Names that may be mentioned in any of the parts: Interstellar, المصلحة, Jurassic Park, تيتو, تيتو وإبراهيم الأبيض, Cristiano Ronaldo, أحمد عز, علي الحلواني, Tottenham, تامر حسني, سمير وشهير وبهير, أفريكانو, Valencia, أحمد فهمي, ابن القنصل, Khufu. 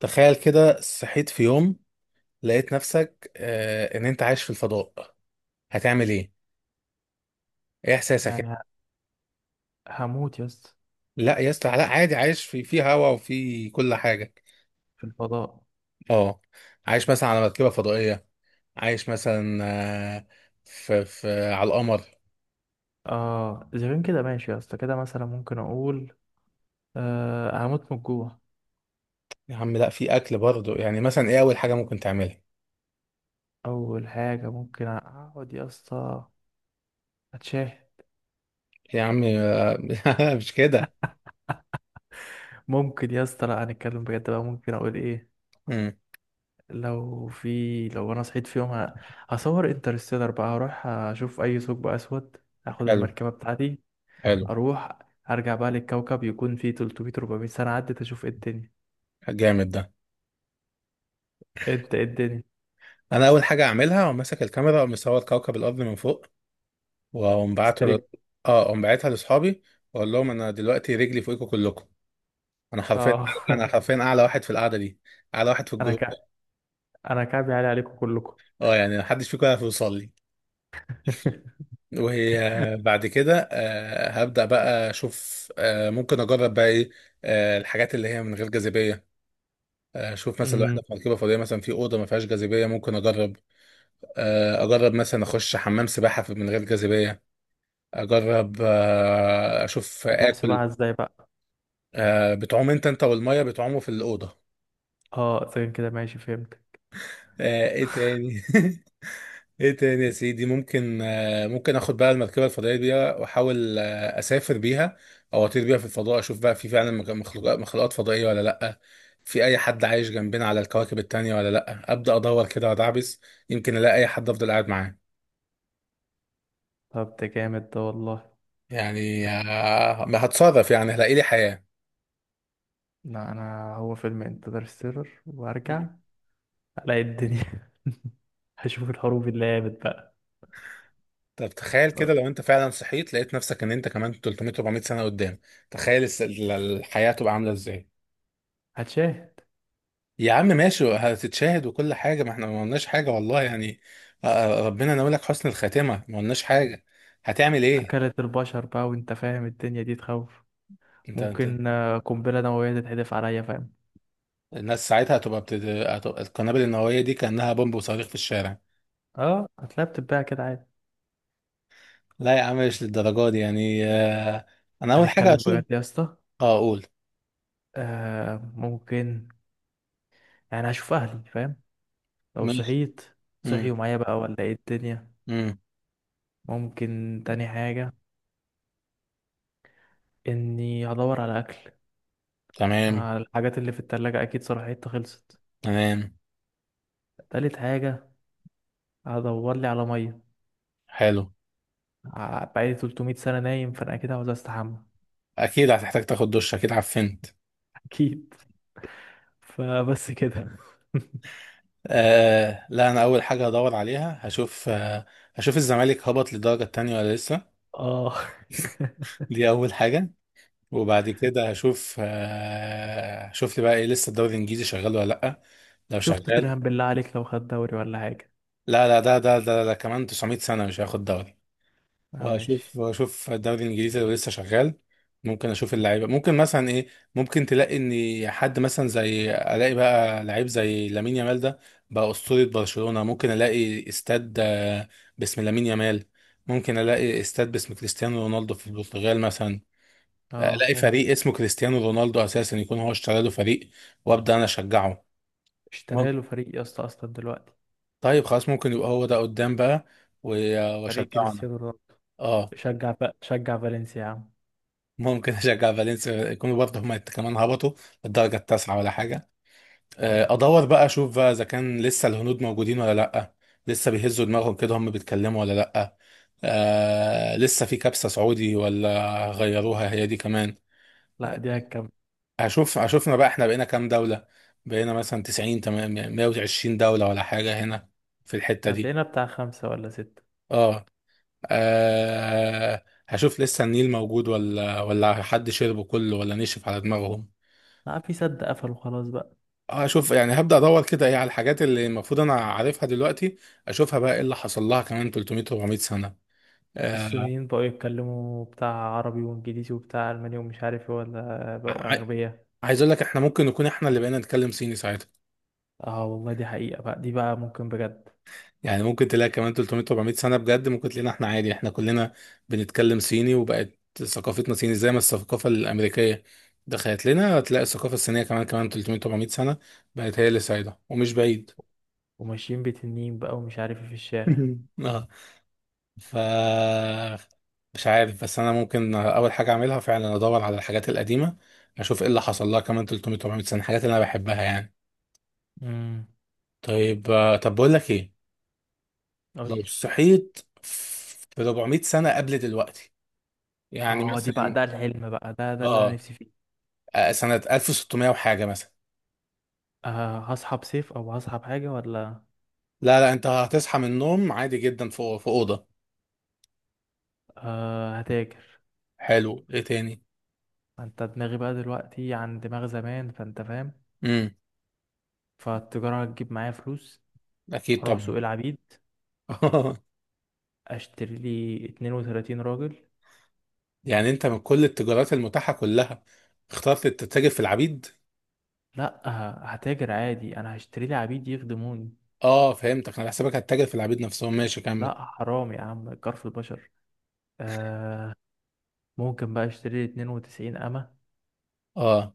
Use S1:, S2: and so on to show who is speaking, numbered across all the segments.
S1: تخيل كده صحيت في يوم، لقيت نفسك ان انت عايش في الفضاء. هتعمل ايه؟ ايه احساسك؟
S2: يعني هموت يا اسطى.
S1: لا يا اسطى لا، عادي عايش في هواء وفي كل حاجه.
S2: في الفضاء.
S1: اه، عايش مثلا على مركبه فضائيه، عايش مثلا آه في على القمر.
S2: اه، اذا كان كده ماشي يا اسطى كده مثلا ممكن اقول، هموت من الجوع.
S1: يا عم لا، في اكل برضه. يعني مثلا ايه اول حاجه ممكن تعملها؟
S2: اول حاجه ممكن اقعد يا اسطى، اتشاه.
S1: يا عم مش كده.
S2: ممكن يا اسطى، لا هنتكلم بجد بقى، ممكن اقول ايه؟
S1: امم.
S2: لو انا صحيت في يوم، هصور انترستيلر بقى، هروح اشوف اي ثقب اسود، اخد
S1: حلو،
S2: المركبه بتاعتي،
S1: حلو.
S2: اروح ارجع بقى للكوكب يكون فيه 300 400 سنه عدت، اشوف ايه الدنيا.
S1: جامد ده.
S2: انت ايه الدنيا؟
S1: انا اول حاجه اعملها، وماسك الكاميرا ومصور كوكب الارض من فوق، واقوم بعتها ل...
S2: استريك.
S1: اه اقوم باعتها لاصحابي، واقول لهم انا دلوقتي رجلي فوقكم كلكم. انا حرفيا،
S2: اه.
S1: انا حرفيا اعلى واحد في القعده دي، اعلى واحد في
S2: انا
S1: الجروب ده.
S2: ك... انا كعبي عالي عليكم كلكم.
S1: اه يعني محدش فيكم يعرف يوصل لي. وهي، بعد كده هبدا بقى اشوف، ممكن اجرب بقى ايه، الحاجات اللي هي من غير جاذبيه. اشوف مثلا لو
S2: امم.
S1: احنا في مركبه فضائيه، مثلا في اوضه ما فيهاش جاذبيه، ممكن اجرب اجرب مثلا اخش حمام سباحه من غير جاذبيه. اجرب اشوف
S2: حمام سباحة
S1: اكل.
S2: ازاي بقى؟
S1: بتعوم انت والميه بتعوموا في الاوضه.
S2: اه زين كده، ماشي، فهمت.
S1: ايه تاني؟ ايه تاني يا سيدي؟ ممكن ممكن اخد بقى المركبه الفضائيه دي، واحاول اسافر بيها، او اطير بيها في الفضاء، اشوف بقى في فعلا مخلوقات فضائيه ولا لا، في اي حد عايش جنبنا على الكواكب التانية ولا لا. ابدا ادور كده وادعبس، يمكن الاقي اي حد افضل قاعد معاه.
S2: طب ده جامد ده والله.
S1: يعني هتصادف، يعني هلاقي لي حياه.
S2: لا، انا هو فيلم انترستيلر وارجع الاقي الدنيا. هشوف الحروب اللي قامت بقى.
S1: طب تخيل كده لو انت فعلا صحيت، لقيت نفسك ان انت كمان 300 400 سنة قدام، تخيل الحياة تبقى عاملة ازاي؟
S2: هتشاهد.
S1: يا عم ماشي، هتتشاهد وكل حاجة. ما احنا ما قلناش حاجة، والله يعني. ربنا ناوي حسن الخاتمة، ما قلناش حاجة. هتعمل ايه؟
S2: اكلت البشر بقى وانت فاهم الدنيا دي تخوف.
S1: انت
S2: ممكن قنبلة نووية تتحدف عليا، فاهم.
S1: الناس ساعتها هتبقى هتبقى القنابل النووية دي كأنها بومب وصواريخ في الشارع.
S2: اه، هتلاقيها بتتباع كده عادي.
S1: لا يا عم مش للدرجة دي، يعني انا اول حاجة
S2: هنتكلم
S1: هشوف.
S2: بجد يا اسطى.
S1: اه، اقول
S2: ممكن، يعني هشوف اهلي، فاهم. لو
S1: ماشي.
S2: صحيت،
S1: امم.
S2: صحيوا معايا بقى ولا ايه الدنيا؟
S1: امم.
S2: ممكن تاني حاجة، اني هدور على اكل،
S1: تمام.
S2: على الحاجات اللي في التلاجة، اكيد صراحتها خلصت.
S1: تمام.
S2: تالت حاجة هدور لي على مية.
S1: حلو.
S2: بقالي 300 سنة نايم، فانا اكيد عاوز استحمى.
S1: اكيد هتحتاج تاخد دش، اكيد عفنت.
S2: اكيد. فبس كده.
S1: لا، انا اول حاجه هدور عليها هشوف، هشوف الزمالك هبط للدرجه التانية ولا لسه.
S2: اه،
S1: دي اول حاجه. وبعد كده هشوف، هشوف لي بقى ايه، لسه الدوري الانجليزي شغال ولا لا. لو
S2: شفت
S1: شغال،
S2: توتنهام بالله عليك لو خد دوري ولا حاجة؟
S1: لا لا، ده كمان 900 سنه مش هياخد دوري.
S2: اه ماشي.
S1: اشوف الدوري الانجليزي لو لسه شغال. ممكن اشوف اللعيبه، ممكن مثلا ايه. ممكن تلاقي ان حد مثلا، زي الاقي بقى لعيب زي لامين يامال ده، بقى اسطوره برشلونه، ممكن الاقي استاد باسم لامين يامال. ممكن الاقي استاد باسم كريستيانو رونالدو في البرتغال مثلا،
S2: اه،
S1: الاقي
S2: ممكن.
S1: فريق اسمه كريستيانو رونالدو، اساسا يكون هو اشترى له فريق، وابدا انا اشجعه. مم.
S2: اشترى له فريق يا اسطى اصلا دلوقتي؟
S1: طيب خلاص، ممكن يبقى هو ده قدام بقى، و-
S2: فريق
S1: واشجعه انا.
S2: كريستيانو رونالدو.
S1: اه
S2: شجع فالنسيا يا عم.
S1: ممكن اشجع فالنسيا، يكونوا برضه هم كمان هبطوا الدرجه التاسعه ولا حاجه. ادور بقى اشوف بقى اذا كان لسه الهنود موجودين ولا لا، لسه بيهزوا دماغهم كده هم بيتكلموا ولا لا. لسه في كبسه سعودي ولا غيروها هي دي كمان.
S2: لا،
S1: آه،
S2: دي هتكمل.
S1: هشوفنا بقى احنا بقينا كام دولة. بقينا مثلا 90 تمام 120 دولة ولا حاجة هنا في الحتة دي.
S2: هتلاقينا بتاع خمسة ولا ستة.
S1: اه. هشوف لسه النيل موجود ولا حد شربه كله ولا نشف على دماغهم.
S2: لا، في سد قفلوا خلاص بقى.
S1: اشوف يعني، هبدأ ادور كده ايه على الحاجات اللي المفروض انا عارفها دلوقتي، اشوفها بقى ايه اللي حصل لها كمان 300 400 سنة. آه
S2: الصينيين بقوا يتكلموا بتاع عربي وانجليزي وبتاع الماني ومش عارف ايه، ولا بقوا
S1: ع-
S2: اغبياء.
S1: عايز اقول لك احنا ممكن نكون احنا اللي بقينا نتكلم صيني ساعتها.
S2: اه والله، دي حقيقة بقى، دي بقى ممكن بجد.
S1: يعني ممكن تلاقي كمان 300 400 سنة بجد، ممكن تلاقينا احنا عادي، احنا كلنا بنتكلم صيني، وبقت ثقافتنا صيني. زي ما الثقافة الأمريكية دخلت لنا، هتلاقي الثقافة الصينية كمان، كمان 300 400 سنة بقت هي اللي سايدة، ومش بعيد.
S2: وماشيين بتنين بقى ومش عارف ايه في الشارع.
S1: اه. ف مش عارف، بس انا ممكن اول حاجه اعملها فعلا ادور على الحاجات القديمه، اشوف ايه اللي حصل لها كمان 300 400 سنه، الحاجات اللي انا بحبها يعني.
S2: امم.
S1: طيب طب بقول لك ايه،
S2: قولي.
S1: لو صحيت في 400 سنه قبل دلوقتي، يعني
S2: اه، دي بقى
S1: مثلا
S2: ده الحلم بقى، ده اللي انا
S1: اه
S2: نفسي فيه.
S1: سنه 1600 وحاجه مثلا.
S2: هصحى بسيف او هصحى بحاجة ولا؟
S1: لا لا، انت هتصحى من النوم عادي جدا في اوضه.
S2: هتاجر.
S1: حلو، ايه تاني؟
S2: انت، دماغي بقى دلوقتي عن دماغ زمان، فانت فاهم.
S1: امم.
S2: فالتجارة هتجيب معايا فلوس.
S1: اكيد
S2: اروح
S1: طبعا.
S2: سوق العبيد. اشتري لي 32 راجل.
S1: يعني انت من كل التجارات المتاحه كلها، اخترت تتاجر في العبيد؟
S2: لا، هتاجر عادي، انا هشتري لي عبيد يخدموني.
S1: اه فهمتك، انا حسابك هتتاجر في العبيد نفسهم، ماشي كمل.
S2: لا حرام يا عم، كرف البشر. آه ممكن بقى اشتري لي 92 امة.
S1: اه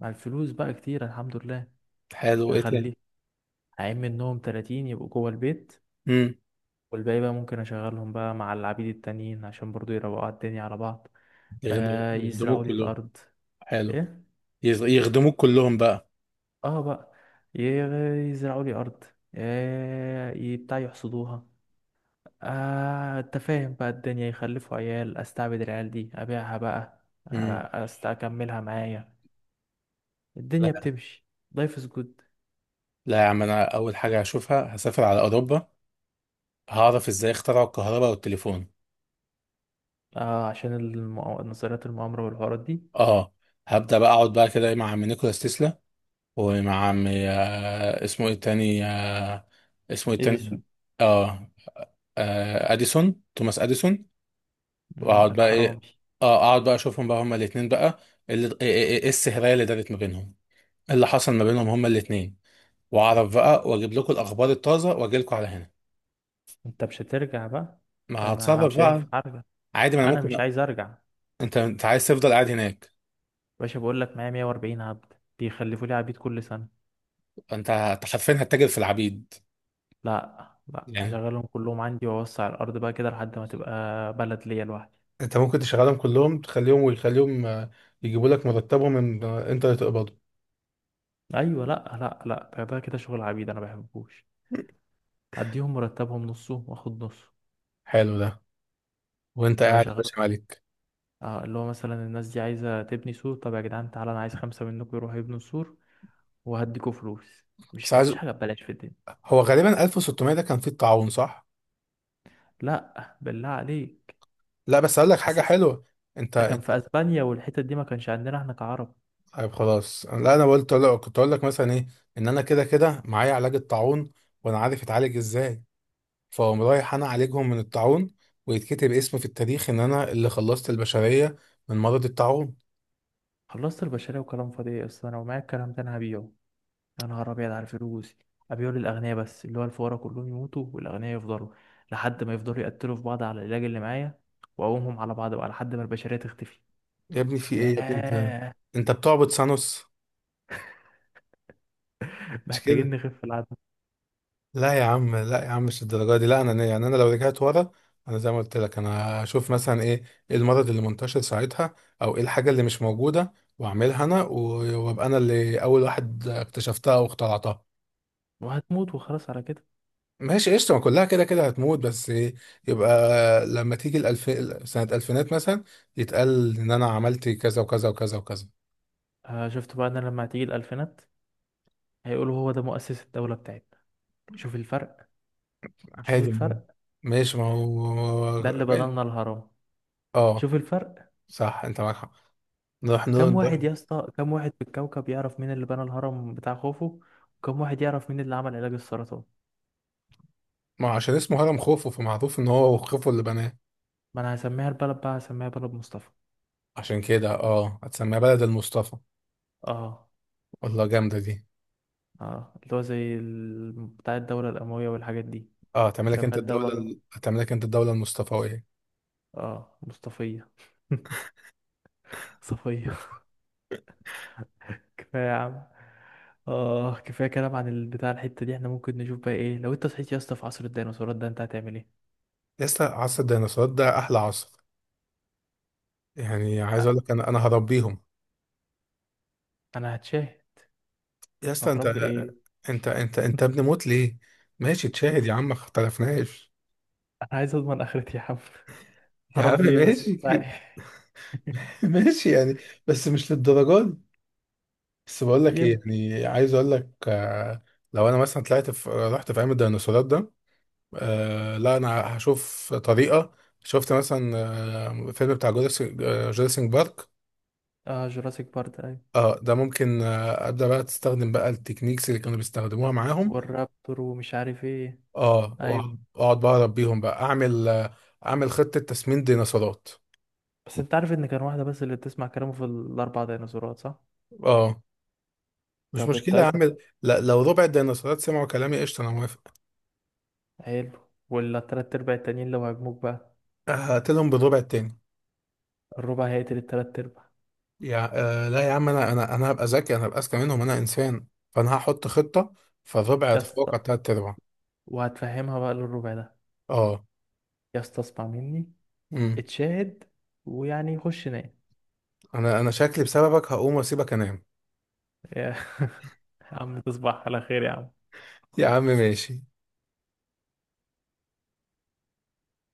S2: مع الفلوس بقى كتير، الحمد لله.
S1: حلو، ايه تاني؟
S2: هخليه هعين منهم 30 يبقوا جوه البيت.
S1: امم.
S2: والباقي بقى ممكن اشغلهم بقى مع العبيد التانيين عشان برضو يروقوا على الدنيا على بعض. يزرعوا
S1: يخدموك
S2: لي
S1: كلهم.
S2: الارض.
S1: حلو.
S2: ايه؟
S1: يخدموك كلهم بقى.
S2: اه بقى، يزرعوا لي ارض. بتاع يحصدوها. انت فاهم بقى الدنيا، يخلفوا عيال، استعبد العيال دي، ابيعها بقى،
S1: امم.
S2: اكملها معايا. الدنيا
S1: لا
S2: بتمشي لايف از جود.
S1: لا يا عم، انا اول حاجه هشوفها هسافر على اوروبا، هعرف ازاي اخترعوا الكهرباء والتليفون.
S2: عشان نظريات المؤامرة والحوارات دي.
S1: اه، هبدا بقى اقعد بقى كده مع عم نيكولاس تسلا، ومع عم اسمه ايه التاني؟ اسمه ايه التاني؟
S2: اديسون.
S1: اه، اديسون، توماس اديسون.
S2: مم،
S1: واقعد بقى
S2: الحرامي.
S1: ايه. اه اقعد بقى اشوفهم بقى هما الاتنين بقى، اللي ايه ايه ايه إيه السهرية اللي دارت ما بينهم، إيه اللي حصل ما بينهم هما الاتنين. واعرف بقى واجيب لكم الاخبار الطازة، واجي لكم على هنا.
S2: انت مش هترجع بقى؟
S1: ما
S2: ده انا
S1: هتصرف
S2: مش
S1: بقى.
S2: هينفع ارجع.
S1: عادي، ما انا
S2: انا مش
S1: ممكن.
S2: عايز ارجع.
S1: انت عايز تفضل قاعد هناك.
S2: باشا، بقول لك معايا 140 عبد بيخلفوا لي عبيد كل سنة.
S1: انت حرفيا هتتاجر في العبيد؟
S2: لا لا،
S1: يعني
S2: هشغلهم كلهم عندي واوسع الارض بقى كده لحد ما تبقى بلد ليا لوحدي.
S1: انت ممكن تشغلهم كلهم، تخليهم ويخليهم يجيبوا لك مرتبهم، ان انت اللي تقبضه.
S2: ايوه، لا لا لا، ده كده شغل عبيد انا ما بحبوش. اديهم مرتبهم نصه واخد نصه.
S1: حلو ده. وانت
S2: اللي هو
S1: قاعد يا
S2: شغال.
S1: باشا مالك.
S2: اه، اللي هو مثلا الناس دي عايزه تبني سور، طب يا جدعان تعالى انا عايز خمسه منكم يروحوا يبنوا سور وهديكوا فلوس.
S1: بس
S2: مش، ما
S1: عايز،
S2: فيش حاجه ببلاش في الدنيا.
S1: هو غالبا 1600 ده كان فيه الطاعون صح؟
S2: لا بالله عليك.
S1: لا بس اقول لك حاجه
S2: بس
S1: حلوه.
S2: ده
S1: انت،
S2: كان في اسبانيا والحتت دي، ما كانش عندنا احنا كعرب.
S1: طيب خلاص، لا انا قلت، لا كنت اقول لك مثلا ايه، ان انا كده كده معايا علاج الطاعون، وانا عارف اتعالج ازاي، فاقوم رايح انا اعالجهم من الطاعون، ويتكتب اسمي في التاريخ ان انا اللي خلصت البشرية من مرض الطاعون.
S2: خلصت البشريه وكلام فاضي إيه؟ اصلا انا ومعايا الكلام ده انا هبيعه. يا نهار ابيض على الفلوس! ابيعه للاغنياء بس، اللي هو الفقراء كلهم يموتوا والاغنياء يفضلوا لحد ما يفضلوا يقتلوا في بعض على العلاج اللي معايا. واقومهم على بعض بقى لحد ما البشريه تختفي.
S1: يا ابني في ايه يا ابني انت؟
S2: ياه.
S1: انت بتعبد سانوس؟ مش
S2: محتاجين
S1: كده.
S2: نخف في العدد.
S1: لا يا عم، لا يا عم، مش الدرجة دي. لا انا يعني، انا لو رجعت ورا، انا زي ما قلت لك، انا هشوف مثلا ايه، ايه المرض اللي منتشر ساعتها، او ايه الحاجة اللي مش موجودة، واعملها انا وابقى انا اللي اول واحد اكتشفتها واخترعتها.
S2: وهتموت وخلاص على كده.
S1: ماشي قشطة، ما كلها كده كده هتموت، بس إيه، يبقى لما تيجي سنة ألفينات مثلا، يتقال إن أنا عملت كذا وكذا وكذا وكذا.
S2: شفت بقى ان لما هتيجي الألفينات، هيقولوا هو ده مؤسس الدولة بتاعتنا. شوف الفرق. شوف
S1: عادي ما هو-
S2: الفرق.
S1: ماشي، ما
S2: ده
S1: هو
S2: اللي بنى
S1: باين.
S2: لنا الهرم.
S1: اه
S2: شوف الفرق.
S1: صح، أنت معاك حق. نروح نروح
S2: كم
S1: نروح-
S2: واحد يا اسطى؟ كم واحد في الكوكب يعرف مين اللي بنى الهرم بتاع خوفو؟ وكم واحد يعرف مين اللي عمل علاج السرطان؟
S1: ما هو عشان اسمه هرم خوفو، فمعروف إن هو خوفو اللي بناه.
S2: ما انا هسميها البلد بقى، هسميها بلد مصطفى.
S1: عشان كده اه، هتسميها بلد المصطفى.
S2: اه.
S1: والله جامدة دي.
S2: اه، اللي هو زي بتاع الدولة الأموية والحاجات دي.
S1: اه، هتعمل لك
S2: هسميها
S1: أنت
S2: الدولة.
S1: هتعمل لك أنت الدولة المصطفوية.
S2: اه، مصطفية. صفية. كفاية يا عم. اه، كفاية كلام عن البتاع الحتة دي. احنا ممكن نشوف بقى ايه لو انت صحيت يا اسطى في عصر الديناصورات ده؟ انت هتعمل ايه؟
S1: لسه عصر الديناصورات ده أحلى عصر. يعني عايز أقول
S2: أ-
S1: لك أنا هربيهم.
S2: انا هتشاه.
S1: يا اسطى، انت
S2: هتربي ايه؟
S1: انت انت ابن موت ليه؟ ماشي تشاهد يا عم، ما اختلفناش.
S2: انا عايز اضمن اخرتي يا عم.
S1: يا عم
S2: هربي ايه بس؟
S1: ماشي،
S2: لا.
S1: ماشي يعني. بس مش للدرجه دي. بس بقول لك ايه،
S2: يبكي.
S1: يعني عايز اقول لك لو انا مثلا طلعت في رحت في عالم الديناصورات ده، لا انا هشوف طريقه. شفت مثلا فيلم بتاع جوراسيك بارك؟
S2: اه جوراسيك بارك، ايوه.
S1: اه ده ممكن ابدا بقى تستخدم بقى التكنيكس اللي كانوا بيستخدموها معاهم.
S2: والرابتور ومش عارف ايه.
S1: اه،
S2: ايوه،
S1: وأقعد بقى اربيهم بقى اعمل اعمل خطه تسمين ديناصورات.
S2: بس انت عارف ان كان واحدة بس اللي بتسمع كلامه في الاربع ديناصورات، صح؟
S1: اه مش
S2: طب
S1: مشكلة يا
S2: التالتة.
S1: عم. لا لو ربع الديناصورات سمعوا كلامي قشطة، أنا موافق.
S2: حلو. ولا التلات ارباع التانيين لو هيجموك بقى؟
S1: هقتلهم بالربع التاني.
S2: الربع هيقتل التلات ارباع.
S1: يا، لا يا عم، أنا هبقى ذكي، أنا هبقى أذكى منهم، أنا إنسان، فأنا هحط خطة، فالربع
S2: يا اسطى.
S1: يتفوق على التلات أرباع.
S2: وهتفهمها بقى للربع ده؟
S1: أه.
S2: يستصفى مني.
S1: أمم.
S2: اتشاهد. ويعني خش نام.
S1: أنا شكلي بسببك هقوم وأسيبك أنام.
S2: يا عم تصبح على خير يا عم.
S1: يا عم ماشي